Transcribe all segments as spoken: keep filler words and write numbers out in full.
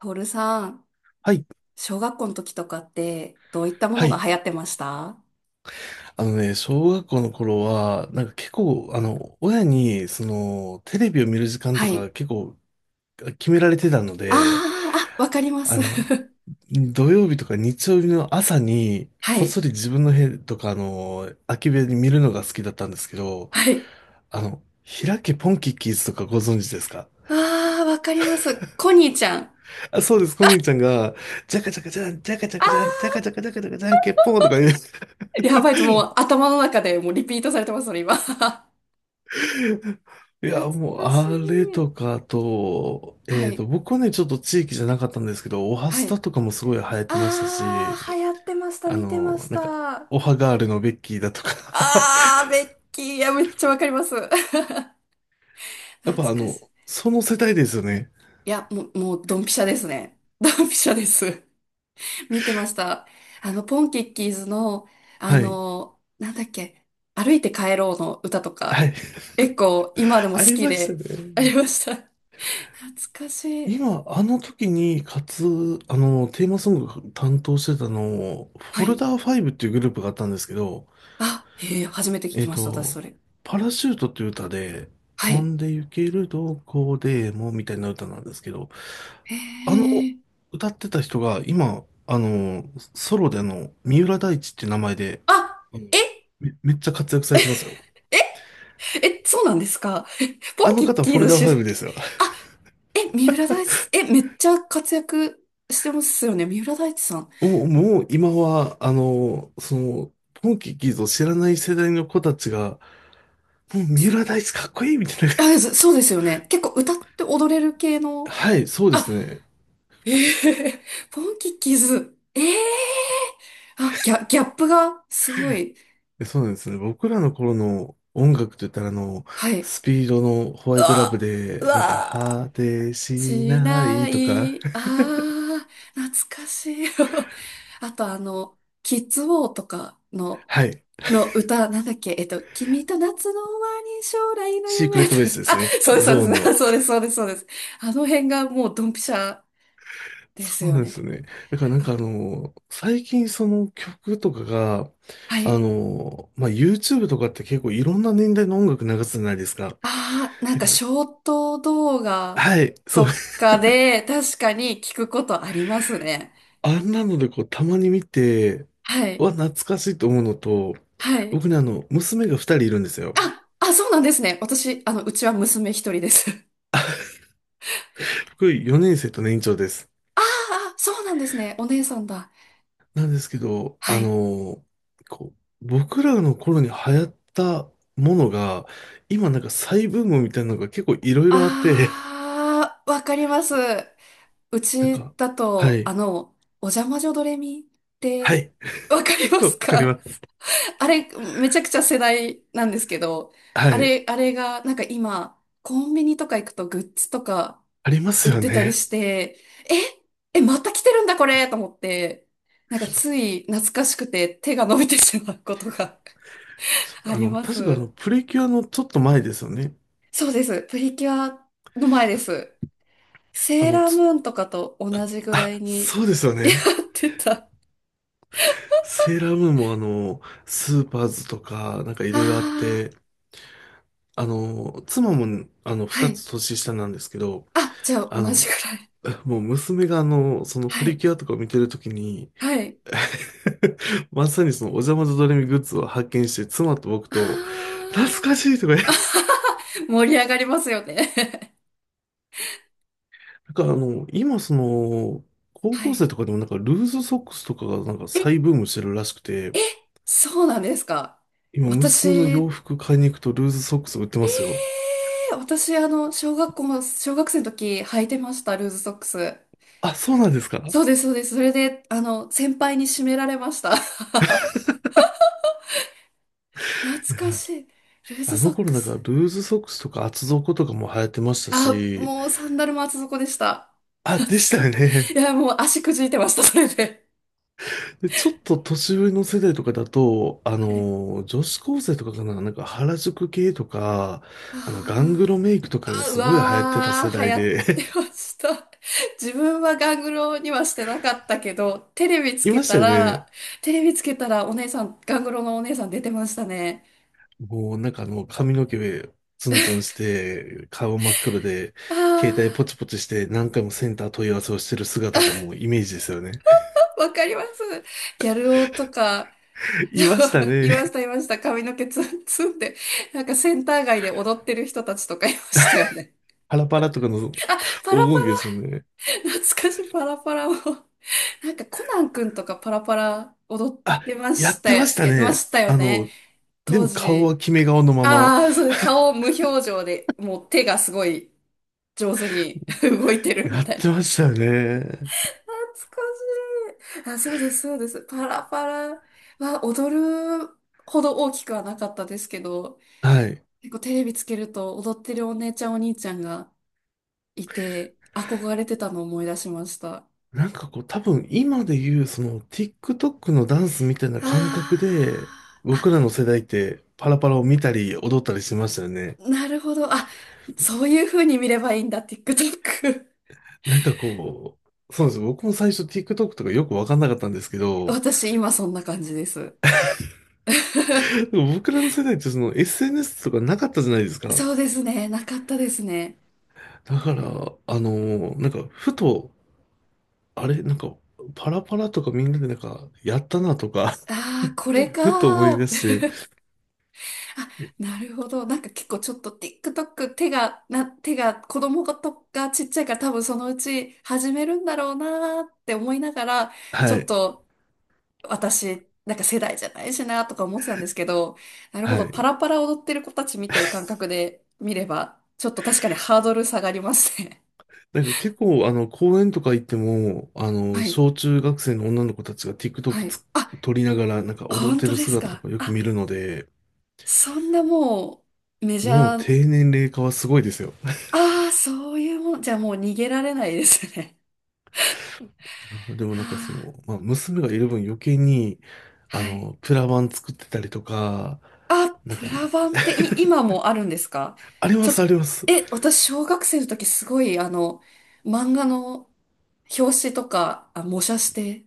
トールさん、はい、小学校の時とかってどういったもはのがい。流行ってました？あのね、小学校の頃は、なんか結構、あの、親に、その、テレビを見る時間はとい。か結構決められてたのあで、ー、あ、わかりまあす。の、土曜日とか日曜日の朝に、はこっい。そり自分の部屋とか、あの、空き部屋に見るのが好きだったんですけど、はい。あの、開けポンキッキーズとかご存知ですか？ あー、わかります。コニーちゃん。あ、そうです。こにちゃんが、ジャカジャカジャン、ジャカジャカジャン、ジあャカジャカジャカジャカジャン、ケッポンとか言う。ー、やばい、もう 頭の中でもうリピートされてます、それ今。懐いかや、もう、しあれい。とか、あと、はえっと、い。僕はね、ちょっと地域じゃなかったんですけど、オハはスタい。とかもすごい流行ってましたあし、ー、流行ってました。あ見てまの、しなんか、た。オハガールのベッキーだとか。 あー、ベッキー。いや、めっちゃわかります。懐 やっぱあかしい。の、その世代ですよね。いや、もう、もう、ドンピシャですね。ドンピシャです。見てました。あの、ポンキッキーズの、あはい。の、なんだっけ、歩いて帰ろうの歌とはか、い。結構今で もあ好りきましたで。ありね。ました。懐かしい。今、あの時に、かつ、あの、テーマソング担当してたの、はフォルい。ダーファイブっていうグループがあったんですけど、あ、へえ、初めて聞えきっました、私と、それ。パラシュートっていう歌で、は飛い。んで行けるどこでもみたいな歌なんですけど、へあの、え。歌ってた人が今、あの、ソロであの、三浦大知って名前で、あ、あのえ、め、めっちゃ活躍されてますよ。え、え、そうなんですか。え、ポあンのキッ方、フキォルーズダーファイ出、ブですよ。あ、え、三浦大知、え、めっちゃ活躍してますよね、三浦大知さん。もう、もう今は、あの、その、ポンキッキーズを知らない世代の子たちが、もう三す、浦大知かっこいいみたいな。あ、そそうですよね。結構歌って踊れる系 の、はい、そうであ、すね。ええ、ポンキッキーズ。ええ、あ、ギャ、ギャップがすごい。え、そうなんですね。僕らの頃の音楽といったら、あの、はい。スピードのホうワイトラブわ、うで、なんか、わ、果てししなないとか、い。ああ、懐かしい。あとあの、キッズウォーとかの、はい。の歌、なんだっけ、えっと、君と夏の終わり、将来のシークレ夢。ットベースで すあ、ね。そうです、そうゾでーンの。す、そうです、そうです、そうです。あの辺がもうドンピシャでそすうよなんでね。すよね。だからなんかああ、の、最近その曲とかが、はあい。の、まあ、YouTube とかって結構いろんな年代の音楽流すじゃないですか。ああ、なんだかから、ショート動画はい、そう。と かで確かに聞くことありますね。あんなのでこう、たまに見て、はい。は懐かしいと思うのと、はい。僕ね、あの、娘が二人いるんですよ。あ、あ、そうなんですね。私、あの、うちは娘一人です。僕よねん生と年長です。ああ、そうなんですね。お姉さんだ。なんですけど、はあい。の、こう、僕らの頃に流行ったものが、今なんか再ブームみたいなのが結構いろいろあって、ああ、わかります。う なんちか、だはと、あい、の、お邪魔女ドレミっはてい、わかりま わすかりか？ます。あれ、めちゃくちゃ世代なんですけど、はあい、れ、あれが、なんか今、コンビニとか行くとグッズとかありま売すっよてたりね。して、え、え、また来てるんだこれと思って、なんかつい懐かしくて手が伸びてしまうことが あありの、ま確かあの、す。プリキュアのちょっと前ですよね。そうです。プリキュアの前です。あセーの、ラーつ、ムーンとかと同じぐらあ、いに そうですよ やね。ってた。あセーラームーンもあの、スーパーズとか、なんかいろいろあっあ、て、あの、妻もあの、は2い。つ年下なんですけど、あ、じゃああ同じぐの、らい。もう娘があの、そのはプリい。キュアとかを見てるときに、はい。まさにそのお邪魔女ドレミグッズを発見して、妻と僕あと、懐かあ。しいとか言って、盛り上がりますよね。なんかあの、今その、高は校い。生とかでもなんかルーズソックスとかがなんかえ、再ブームしてるらしくえ、て、そうなんですか。今私、娘の洋え服買いに行くとルーズソックス売ってますよ。ー、私、あの、小学校の、小学生の時履いてました、ルーズソックス。あ、そうなんですか。いそうです、そうです。それで、あの、先輩に締められました。懐かや、しい。ルーズあソのッ頃クなんかルス。ーズソックスとか厚底とかも流行ってましたあ、し、もうサンダルも厚底でした。あ、でした懐よか、ね。いや、もう足くじいてました、それで。で、ちょっと年上の世代とかだと、あはい。の、女子高生とかかな、なんか原宿系とか、あの、ガングあロメイクとかあ。があ、うすごい流行ってたわ世ー、流代行ってで。 ました。自分はガングロにはしてなかったけど、テレビ ついけましたたよら、ね。テレビつけたらお姉さん、ガングロのお姉さん出てましたね。もうなんかあの、髪の毛ツンツンして、顔真っ黒で、携帯あポチポチして何回もセンター問い合わせをしてる姿がもうイメージですよね。ー、わかります。ギャル男とか、いました いましね。た、いました。髪の毛ツンツンで、なんかセンター街で踊ってる人たちとかいましたよね。パラパラとかの黄パラパ金期ですもんね。ラ、懐かしいパラパラを。なんかコナンくんとかパラパラ踊っあ、てまやしったてましよ、たいまね。したよあね。の、で当も顔時。は決め顔のまま。ああ、そうです。顔無表情で、もう手がすごい上手に 動いてるやみったいな。てましたよね。懐かしい。あ、そうです、そうです。パラパラは踊るほど大きくはなかったですけど、はい。結構テレビつけると踊ってるお姉ちゃんお兄ちゃんがいて、憧れてたのを思い出しました。なんかこう、多分今で言う、その TikTok のダンスみたいなあ感覚で、ーあ、僕らの世代ってパラパラを見たり踊ったりしてましたよね。なるほど。あ、そういう風に見ればいいんだ、TikTok。なんかこう、そうなんですよ。僕も最初 TikTok とかよくわかんなかったんですけ ど、私今そんな感じです。でも僕らの世代ってその エスエヌエス とかなかったじゃないです か。そうですね、なかったですね。だから、あのーなんかふと、あれ、なんかパラパラとかみんなでなんかやったなとか、 ああ、これ かふと思ーいっ出て。して、あ、なるほど。なんか結構ちょっと TikTok 手が、な、手が、子供とがちっちゃいから多分そのうち始めるんだろうなーって思いながら、ちはょっい。と私、なんか世代じゃないしなーとか思ってたんですけど、なるほはど。パい。ラパラ踊ってる子たち見てる感覚で見れば、ちょっと確かにハードル下がりますね。なんか結構、あの、公園とか行っても、あ の、はい、小中学生の女の子たちが は TikTok い。つあ、撮りながら、なんか踊っ本て当るです姿とか。かよくあ、見るので、そんなもうメジもうャー。低年齢化はすごいですよ。ああ、そういうもん。じゃあもう逃げられないですね。あでも なはんかそあ、の、まあ、娘がいる分余計に、あはい。の、プラ板作ってたりとか、あ、なんプか、ラバンってい、今もあるんですか？ありまちす、あょ、ります。え、私、小学生の時すごい、あの、漫画の表紙とか、あ、模写して、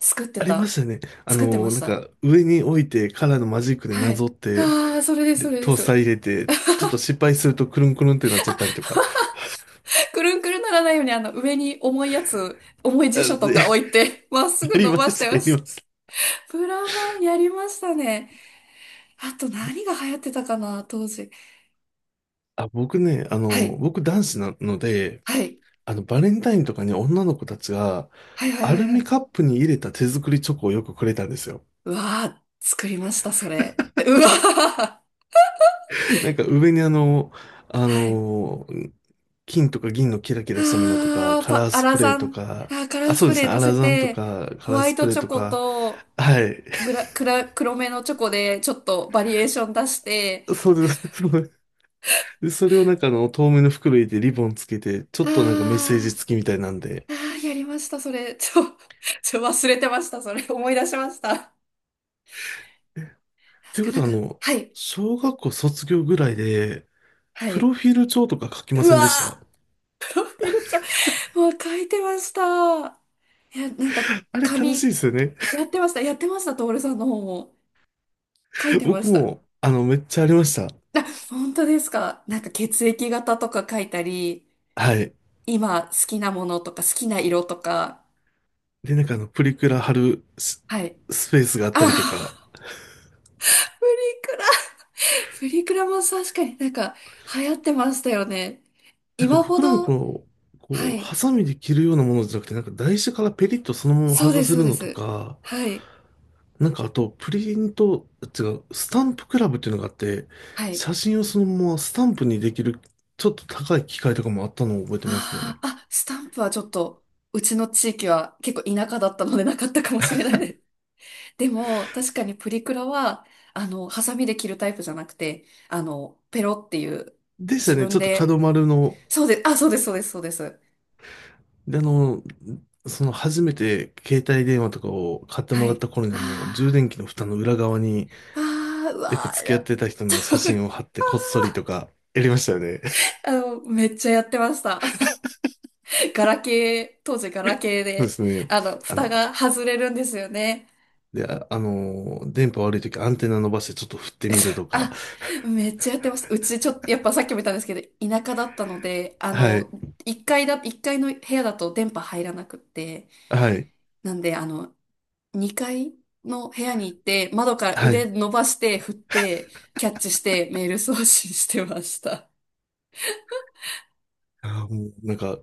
作ってありました、たね。あ作ってまの、しなんた。か、上に置いて、カラーのマジックではなぞい。って、ああ、それです、で、それでトースターす。入れて、ちょっと失敗すると、くるんくるんってなっちゃったりとか。くるんくるんならないように、あの、上に重いやつ、重い辞書あとで か置いて、まっすやぐり伸まばししてた、まやりしました。た。プラバンやりましたね。あと何が流行ってたかな、当時。あ、僕ね、あはの、い。僕男子なので、はい。あの、バレンタインとかに女の子たちが、はいはいアはいルはミい。カップに入れた手作りチョコをよくくれたんですよ。うわー、作りました、それ。うわー。なんか上にあの、あはい。の、金とか銀のキラキラしたものとか、あー、カパ、ラーアスラプレーザとン。か、あー、カラあ、ースそうプですレーね、ア乗ラせザンとて、か、カホラーワイスプトレーチョとコか、と、はい。ブラ、クラ、黒めのチョコで、ちょっとバリエーション出して、そうです。そうです。で、それをなんかあの、透明の袋入れてリボンつけて、ちょあっとなんかメッセージ付きみたいなんで。ー、あー、やりました、それ。ちょ、ちょ、忘れてました、それ。思い出しました。と確いうかこなとんはあか、の、はい。小学校卒業ぐらいで、はプロい。フィール帳とか書きまうせんわでした？ー、フィルちゃん。もう書いてました。いや、なんか、あれ、楽しい紙、ですよね。やってました。やってました。徹さんの方も。書いてま僕した。も、あの、めっちゃありました。あ、本当ですか。なんか血液型とか書いたり、はい。今好きなものとか好きな色とか。で、なんかあの、プリクラ貼るス、はい。スペースがあったりとか、ああ、プリクラ。プリクラも確かになんか流行ってましたよね。なんか今ほ僕らのこど、の、はこう、い。ハサミで切るようなものじゃなくて、なんか台紙からペリッとそのままそう剥がです、せそうるでのとす。か、はい。なんかあと、プリント、違う、スタンプクラブっていうのがあって、はい。写真をそのままスタンプにできる、ちょっと高い機械とかもあったのを覚えてますあね。あ、あ、スタンプはちょっと、うちの地域は結構田舎だったのでなかったかもしれないです。でも、確かにプリクラは、あの、ハサミで切るタイプじゃなくて、あの、ペロっていう、でした自ね。分ちょっとで、角丸のそうです、あ、そうです、そうです、そうです。で、あの、その初めて携帯電話とかを買ってもはらっい。た頃にあの、充あ電器の蓋の裏側にー、あー、うよくわー、付き合っや てた人の写 真を貼ってこっそりとかやりましたよね。あの、めっちゃやってました。ガラケー、当時ガラケーそうでで、すね。あの、あ蓋の、が外れるんですよね。で、あ、あの、電波悪い時アンテナ伸ばしてちょっと振ってみるとか。あ、めっちゃやってました。うちちょっと、やっぱさっきも言ったんですけど、田舎だったので、あはい。の、1階だ、一階の部屋だと電波入らなくって、はい。なんで、あの、にかいの部屋に行って、窓からは腕い。伸ばして、振って、キャッチしてメール送信してました。あー、もうなんか、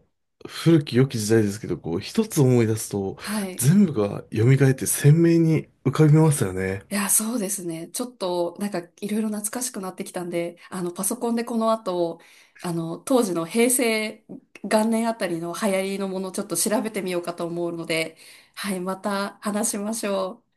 古き良き時代ですけど、こう、一つ思い出すと、はい。全部が蘇って鮮明に浮かびますよね。いや、そうですね。ちょっと、なんか、いろいろ懐かしくなってきたんで、あの、パソコンでこの後、あの、当時の平成元年あたりの流行りのものをちょっと調べてみようかと思うので、はい、また話しましょう。